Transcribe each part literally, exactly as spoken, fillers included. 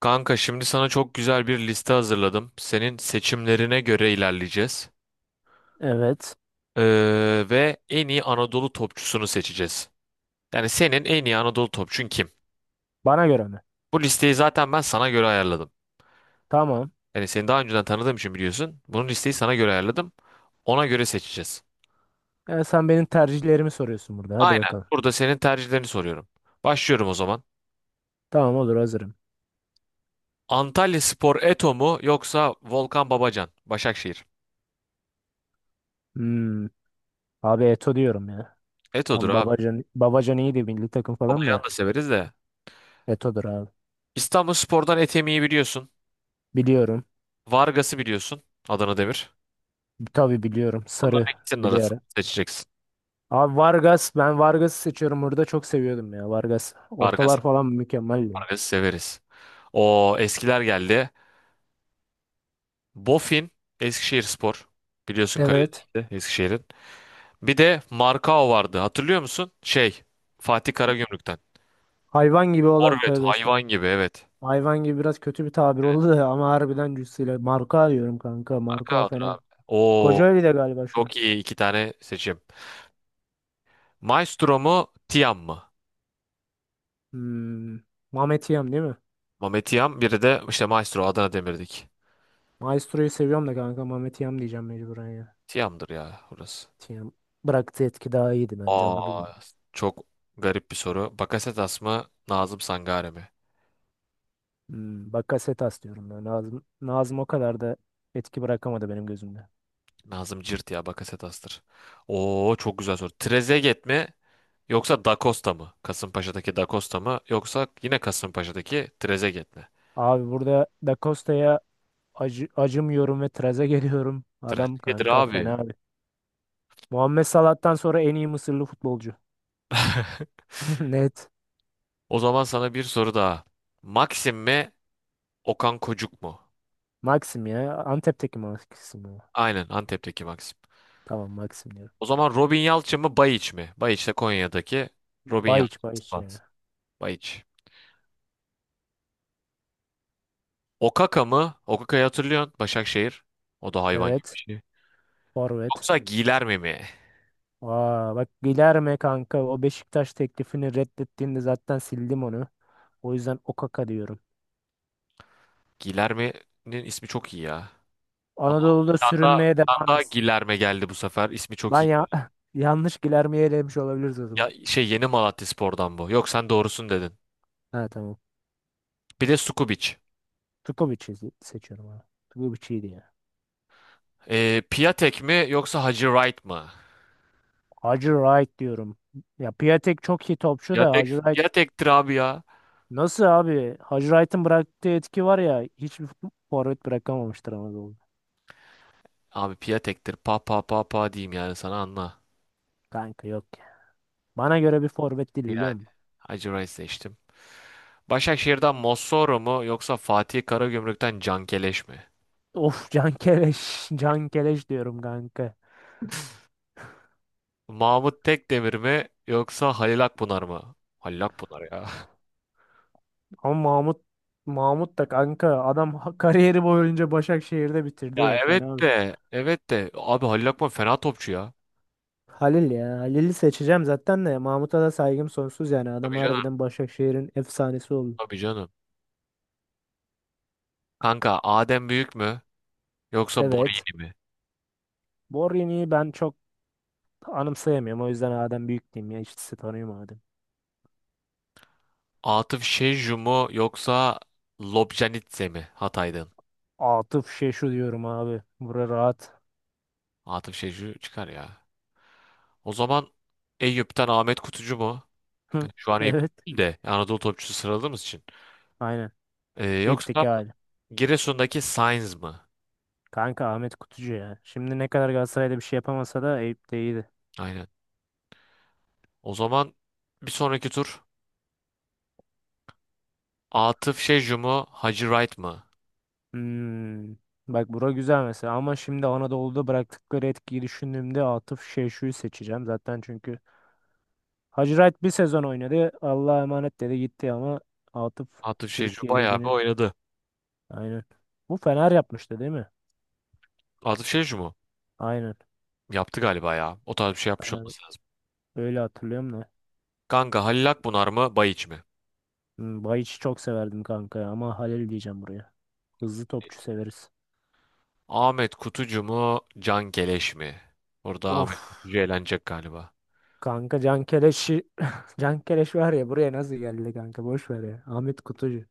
Kanka şimdi sana çok güzel bir liste hazırladım. Senin seçimlerine göre ilerleyeceğiz. Evet. Ee, ve en iyi Anadolu topçusunu seçeceğiz. Yani senin en iyi Anadolu topçun kim? Bana göre mi? Bu listeyi zaten ben sana göre ayarladım. Tamam. Yani seni daha önceden tanıdığım için biliyorsun. Bunun listeyi sana göre ayarladım. Ona göre seçeceğiz. E, sen benim tercihlerimi soruyorsun burada. Hadi Aynen. bakalım. Burada senin tercihlerini soruyorum. Başlıyorum o zaman. Tamam, olur, hazırım. Antalyaspor Eto mu yoksa Volkan Babacan? Başakşehir. Hmm. Abi Eto diyorum ya. Eto'dur Tam abi. Babacan, Babacan iyiydi, milli takım falan Babacan da. da severiz de. Eto'dur abi. İstanbulspor'dan Etemi'yi biliyorsun. Biliyorum. Vargas'ı biliyorsun. Adana Demir. Tabii biliyorum. Sarı Bunların ikisinin bir de arasını ara. seçeceksin. Abi Vargas. Ben Vargas'ı seçiyorum burada. Çok seviyordum ya Vargas. Vargas, Ortalar falan mükemmel ya. Vargas'ı severiz. O eskiler geldi. Bofin, Eskişehirspor. Biliyorsun Evet. Karadeniz'de Eskişehir'in. Bir de Markao vardı. Hatırlıyor musun? Şey, Fatih Karagümrük'ten. Hayvan gibi olan, Forvet, tövbe hayvan estağfurullah. gibi evet. Hayvan gibi biraz kötü bir tabir oldu da ama harbiden cüssüyle. Marka diyorum kanka. Marka Markao'dur falan. abi. Oo, Kocaeli de galiba şu an. çok iyi iki tane seçim. Maestro mu, Tiam mı? Hmm. Mehmet Hiyam değil mi? Mehmet Tiam, biri de işte Maestro Adana Demir'dik. Maestro'yu seviyorum da kanka, Mehmet Hiyam diyeceğim mecburen ya. Tiam'dır ya burası. Hiyam bıraktığı etki daha iyiydi bence Aa, Anadolu'da. çok garip bir soru. Bakasetas mı, Nazım Sangare mi? Hmm. Bakasetas diyorum ben. Nazım, Nazım o kadar da etki bırakamadı benim gözümde. Nazım Cirt ya, Bakasetas'tır. Oo, çok güzel soru. Trezeguet mi yoksa Da Costa mı? Kasımpaşa'daki Da Costa mı yoksa yine Kasımpaşa'daki Trezeguet mi? Abi burada Da Costa'ya acı, acımıyorum ve traze geliyorum. Adam Trezeguet'tir kanka abi. fena abi. Muhammed Salah'tan sonra en iyi Mısırlı futbolcu. Net. O zaman sana bir soru daha. Maxim mi, Okan Kocuk mu? Maxim ya. Antep'teki Maxim ya. Aynen, Antep'teki Maxim. Tamam, Maxim diyorum. O zaman Robin Yalçın mı, Bayiç mi? Bayiç de Konya'daki Robin Yalçın. Bayiç Bayiç Sivas. ya. Bayiç. Okaka mı? Okaka'yı hatırlıyorsun. Başakşehir. O da hayvan gibi bir Evet. şey. Forvet. Yoksa Gilerme mi? Aa, bak, Guilherme kanka, o Beşiktaş teklifini reddettiğinde zaten sildim onu. O yüzden Okaka diyorum. Gilerme'nin ismi çok iyi ya. Aa, bir Anadolu'da tane daha, bir sürünmeye tane devam daha etsin. Gilerme geldi bu sefer. İsmi çok Ben iyi. ya yanlış Guilherme'yi elemiş olabiliriz o zaman. Ya şey Yeni Malatyaspor'dan bu. Yok sen doğrusun dedin. Ha, tamam. Bir de Sukubic. Tukovic'i se- seçiyorum abi. Tukovic iyiydi ya. Ee, Piatek mi yoksa Hacı Wright mı? Hacı Wright diyorum. Ya Piatek çok iyi topçu da, Piatek, Hacı Wright. Piatek'tir abi ya. Nasıl abi? Hacı Wright'ın bıraktığı etki var ya, hiçbir fut- forvet bırakamamıştır Anadolu'da. Abi Piatek'tir. Pa pa pa pa diyeyim yani sana anla. Kanka yok ya. Bana göre bir forvet değil, biliyor Yani musun? Hacı Wright seçtim. Başakşehir'den Mossoro mu yoksa Fatih Karagümrük'ten Cankeleş mi? Of, Can Keleş. Can Keleş diyorum kanka. Mahmut Tekdemir mi yoksa Halil Akpınar mı? Halil Akpınar ya. Ama Mahmut, Mahmut da kanka adam ha- kariyeri boyunca Başakşehir'de bitirdi Ya ya, evet fena mı? de evet de abi Halil Akpınar fena topçu ya. Halil ya. Halil'i seçeceğim zaten, de Mahmut'a da saygım sonsuz yani. Adam Tabii canım. harbiden Başakşehir'in efsanesi oldu. Tabii canım. Kanka Adem Büyük mü yoksa Evet. Borini mi? Borini'yi ben çok anımsayamıyorum. O yüzden Adem Büyük diyeyim ya. İkisi tanıyorum, Adem. Atıf Şecu mu yoksa Lobjanitse mi Hatay'dan? Atıf Şeşu diyorum abi. Bura rahat. Atıf Şecu çıkar ya. O zaman Eyüp'ten Ahmet Kutucu mu? Hı. Yani şu an Eyüp Evet. değil de Anadolu topçusu sıraladığımız için. Aynen. Ee, İpteki yoksa hali. Giresun'daki Sainz mı? Kanka Ahmet Kutucu ya. Şimdi ne kadar Galatasaray'da bir şey yapamasa da Eyüp'te iyiydi. Aynen. O zaman bir sonraki tur Atıf Şecu mu? Hacı Wright mı? Hmm. Bak, bura güzel mesela, ama şimdi Anadolu'da bıraktıkları etkiyi düşündüğümde Atıf Şeşu'yu seçeceğim zaten, çünkü Hacırayt bir sezon oynadı, Allah'a emanet dedi gitti, ama Atıf Atıf Şecu Türkiye bayağı bir Ligi'nin, oynadı. aynen, bu Fener yapmıştı değil mi? Atıf Şecu mu? Aynen, Yaptı galiba ya. O tarz bir şey yapmış ben olması lazım. öyle hatırlıyorum da. Kanka Halil Akbunar mı? Bayiç mi? Hmm, Bayiç'i çok severdim kanka ya, ama Halil diyeceğim buraya, hızlı topçu severiz. Ahmet Kutucu mu? Can Geleş mi? Burada Of Ahmet Kutucu eğlenecek galiba. kanka, Can Keleş'i Can Keleş var ya, buraya nasıl geldi kanka, boş ver ya, Ahmet Kutucu.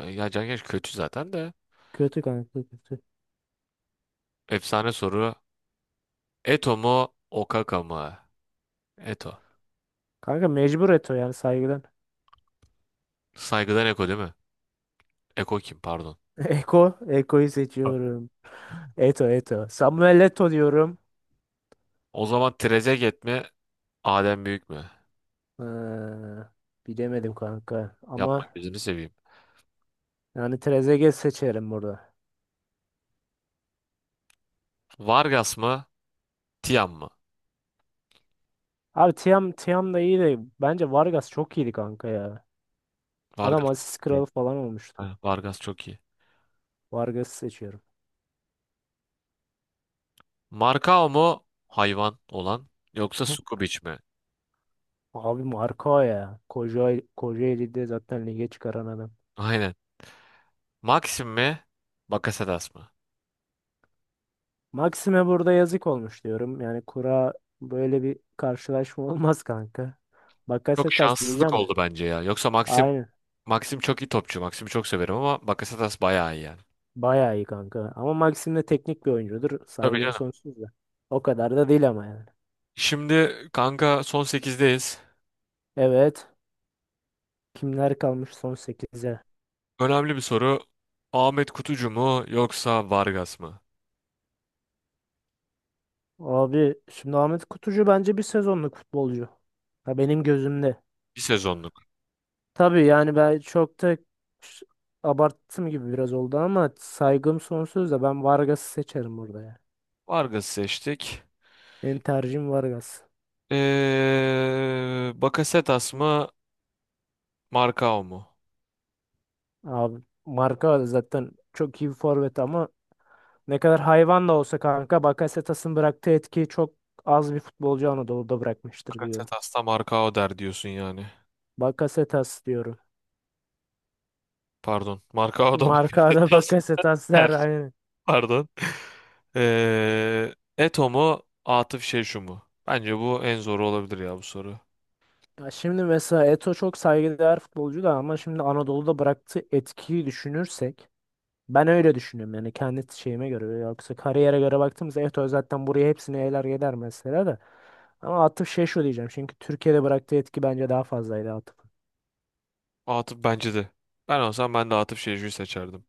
Ya, ya Can Geleş kötü zaten de. Kötü kanka, kötü. Efsane soru. Eto mu? Okaka mı? Eto. Kanka mecbur Eto, yani saygıdan. Saygıdan Eko değil mi? Eko kim pardon. Eko, Eko'yu seçiyorum. Eto, Eto. Samuel Eto diyorum. O zaman Trezeguet mi? Adem Büyük mü? Ha, bilemedim kanka. Yapma Ama gözünü seveyim. yani Trezeguet seçerim burada. Vargas mı? Tiam mı? Abi Tiam, Tiam da iyi de bence Vargas çok iyiydi kanka ya. Adam Vargas. asist kralı falan olmuştu. Ha, Vargas çok iyi. Vargas'ı seçiyorum. Markao mu hayvan olan yoksa Sukubic mi? Abi Marco ya. Koca, Kocaeli'de zaten lige çıkaran adam. Aynen. Maxim mi? Bakasetas mı? Maxime burada yazık olmuş diyorum. Yani kura, böyle bir karşılaşma olmaz kanka. Çok Bakasetas şanssızlık diyeceğim de. oldu bence ya. Yoksa Maxim Aynen. Maxim çok iyi topçu. Maxim'i çok severim ama Bakasetas bayağı iyi yani. Bayağı iyi kanka. Ama Maxim de teknik bir oyuncudur. Tabii Saygım canım. sonsuz da. O kadar da değil ama yani. Şimdi kanka son sekizdeyiz. Evet. Kimler kalmış son sekize. Önemli bir soru. Ahmet Kutucu mu yoksa Vargas mı? Abi şimdi Ahmet Kutucu bence bir sezonluk futbolcu. Ha, benim gözümde. Bir sezonluk. Tabii yani ben çok da ş- abarttım gibi biraz oldu, ama saygım sonsuz da ben Vargas'ı seçerim burada ya. Vargas'ı seçtik. Benim tercihim Vargas. Ee, Bakasetas mı? Markao mu? Abi marka zaten çok iyi bir forvet, ama ne kadar hayvan da olsa kanka, Bakasetas'ın bıraktığı etkiyi çok az bir futbolcu Anadolu'da bırakmıştır diyorum. Bakasetas'ta Markao der diyorsun yani. Bakasetas diyorum. Pardon. Marka o da bakışta Markada biraz Bakasetas ters. der, aynen. Pardon. Ee, Eto mu? Atıf Şeşu mu? Bence bu en zoru olabilir ya bu soru. Ya şimdi mesela Eto çok saygıdeğer futbolcu da, ama şimdi Anadolu'da bıraktığı etkiyi düşünürsek, ben öyle düşünüyorum yani, kendi şeyime göre, yoksa kariyere göre baktığımızda Eto zaten buraya hepsini eyler gider mesela da, ama Atıf şey şu diyeceğim çünkü Türkiye'de bıraktığı etki bence daha fazlaydı Atıf'ın. Atıf bence de. Ben olsam ben de Atıf Şeşu'yu seçerdim.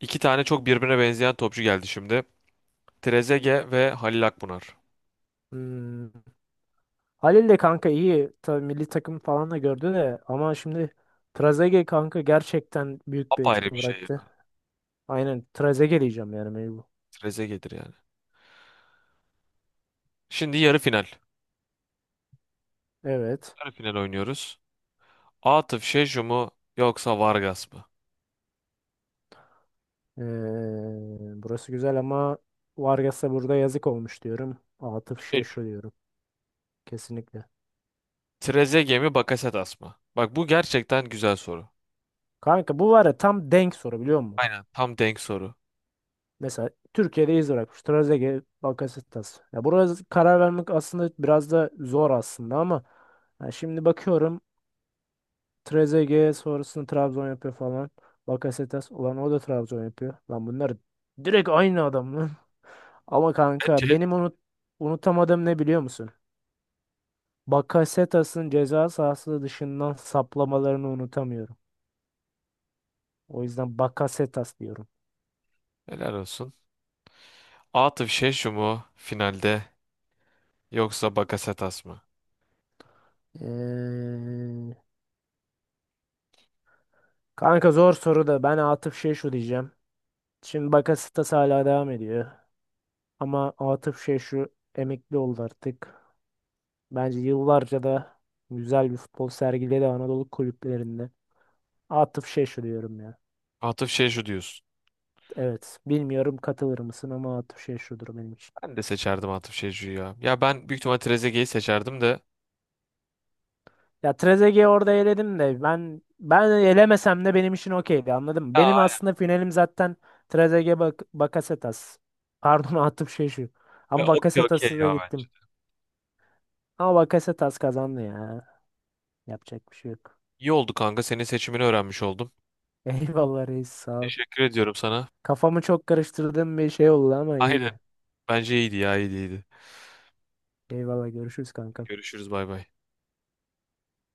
İki tane çok birbirine benzeyen topçu geldi şimdi. Trezeguet ve Halil Akbunar. Hmm. Halil de kanka iyi. Tabii milli takım falan da gördü de, ama şimdi Trezeguet kanka gerçekten büyük bir Apayrı etki bir şey ya. bıraktı. Aynen, Trezeguet diyeceğim yani mecbur. Trezeguet'dir yani. Şimdi yarı final. Evet. Yarı final oynuyoruz. Atıf Şeşu mu yoksa Vargas mı? Ee, Burası güzel ama Vargas'a burada yazık olmuş diyorum. Atıf şey Şeşu. şu diyorum. Kesinlikle. Trezeguet mi Bakasetas mı? Bak bu gerçekten güzel soru. Kanka bu var ya, tam denk soru biliyor musun? Aynen tam denk soru. Mesela Türkiye'de iz bırakmış. Trezeguet, Bakasetas. Ya burası karar vermek aslında biraz da zor aslında, ama ya şimdi bakıyorum, Trezeguet sonrasında Trabzon yapıyor falan. Bakasetas, ulan o da Trabzon yapıyor. Lan bunlar direkt aynı adam lan. Ama kanka Ki benim unut unutamadığım ne biliyor musun? Bakasetas'ın ceza sahası dışından saplamalarını unutamıyorum. O yüzden Bakasetas diyorum. helal olsun. Atıf Şeşu mu finalde yoksa Bakasetas mı? Ee, Kanka zor soru da ben Atıf şey şu diyeceğim. Şimdi Bakasetas hala devam ediyor. Ama Atıf şey şu emekli oldu artık. Bence yıllarca da güzel bir futbol sergiledi Anadolu kulüplerinde. Atıf Şeşu diyorum ya. Atıf Şeşu diyorsun. Evet. Bilmiyorum katılır mısın, ama Atıf Şeşu'dur benim için. Ben de seçerdim Atıf Şeşu'yu ya. Ya ben büyük ihtimal Trezeguet'i seçerdim de. Ya Trezeguet'i orada eledim de ben ben elemesem de benim için okeydi, anladın mı? Ya Benim aynen. aslında finalim zaten Trezeguet, bak, Bakasetas. Pardon Atıf Şeşu. Ya Ama okey okey Bakasetas'a da ya bence. gittim. Ama Bakasetas kazandı ya. Yapacak bir şey yok. İyi oldu kanka. Senin seçimini öğrenmiş oldum. Eyvallah reis, sağ ol. Teşekkür ediyorum sana. Kafamı çok karıştırdığım bir şey oldu ama Aynen. iyiydi. Bence iyiydi ya iyiydi iyiydi. Eyvallah, görüşürüz kanka. Görüşürüz bay bay.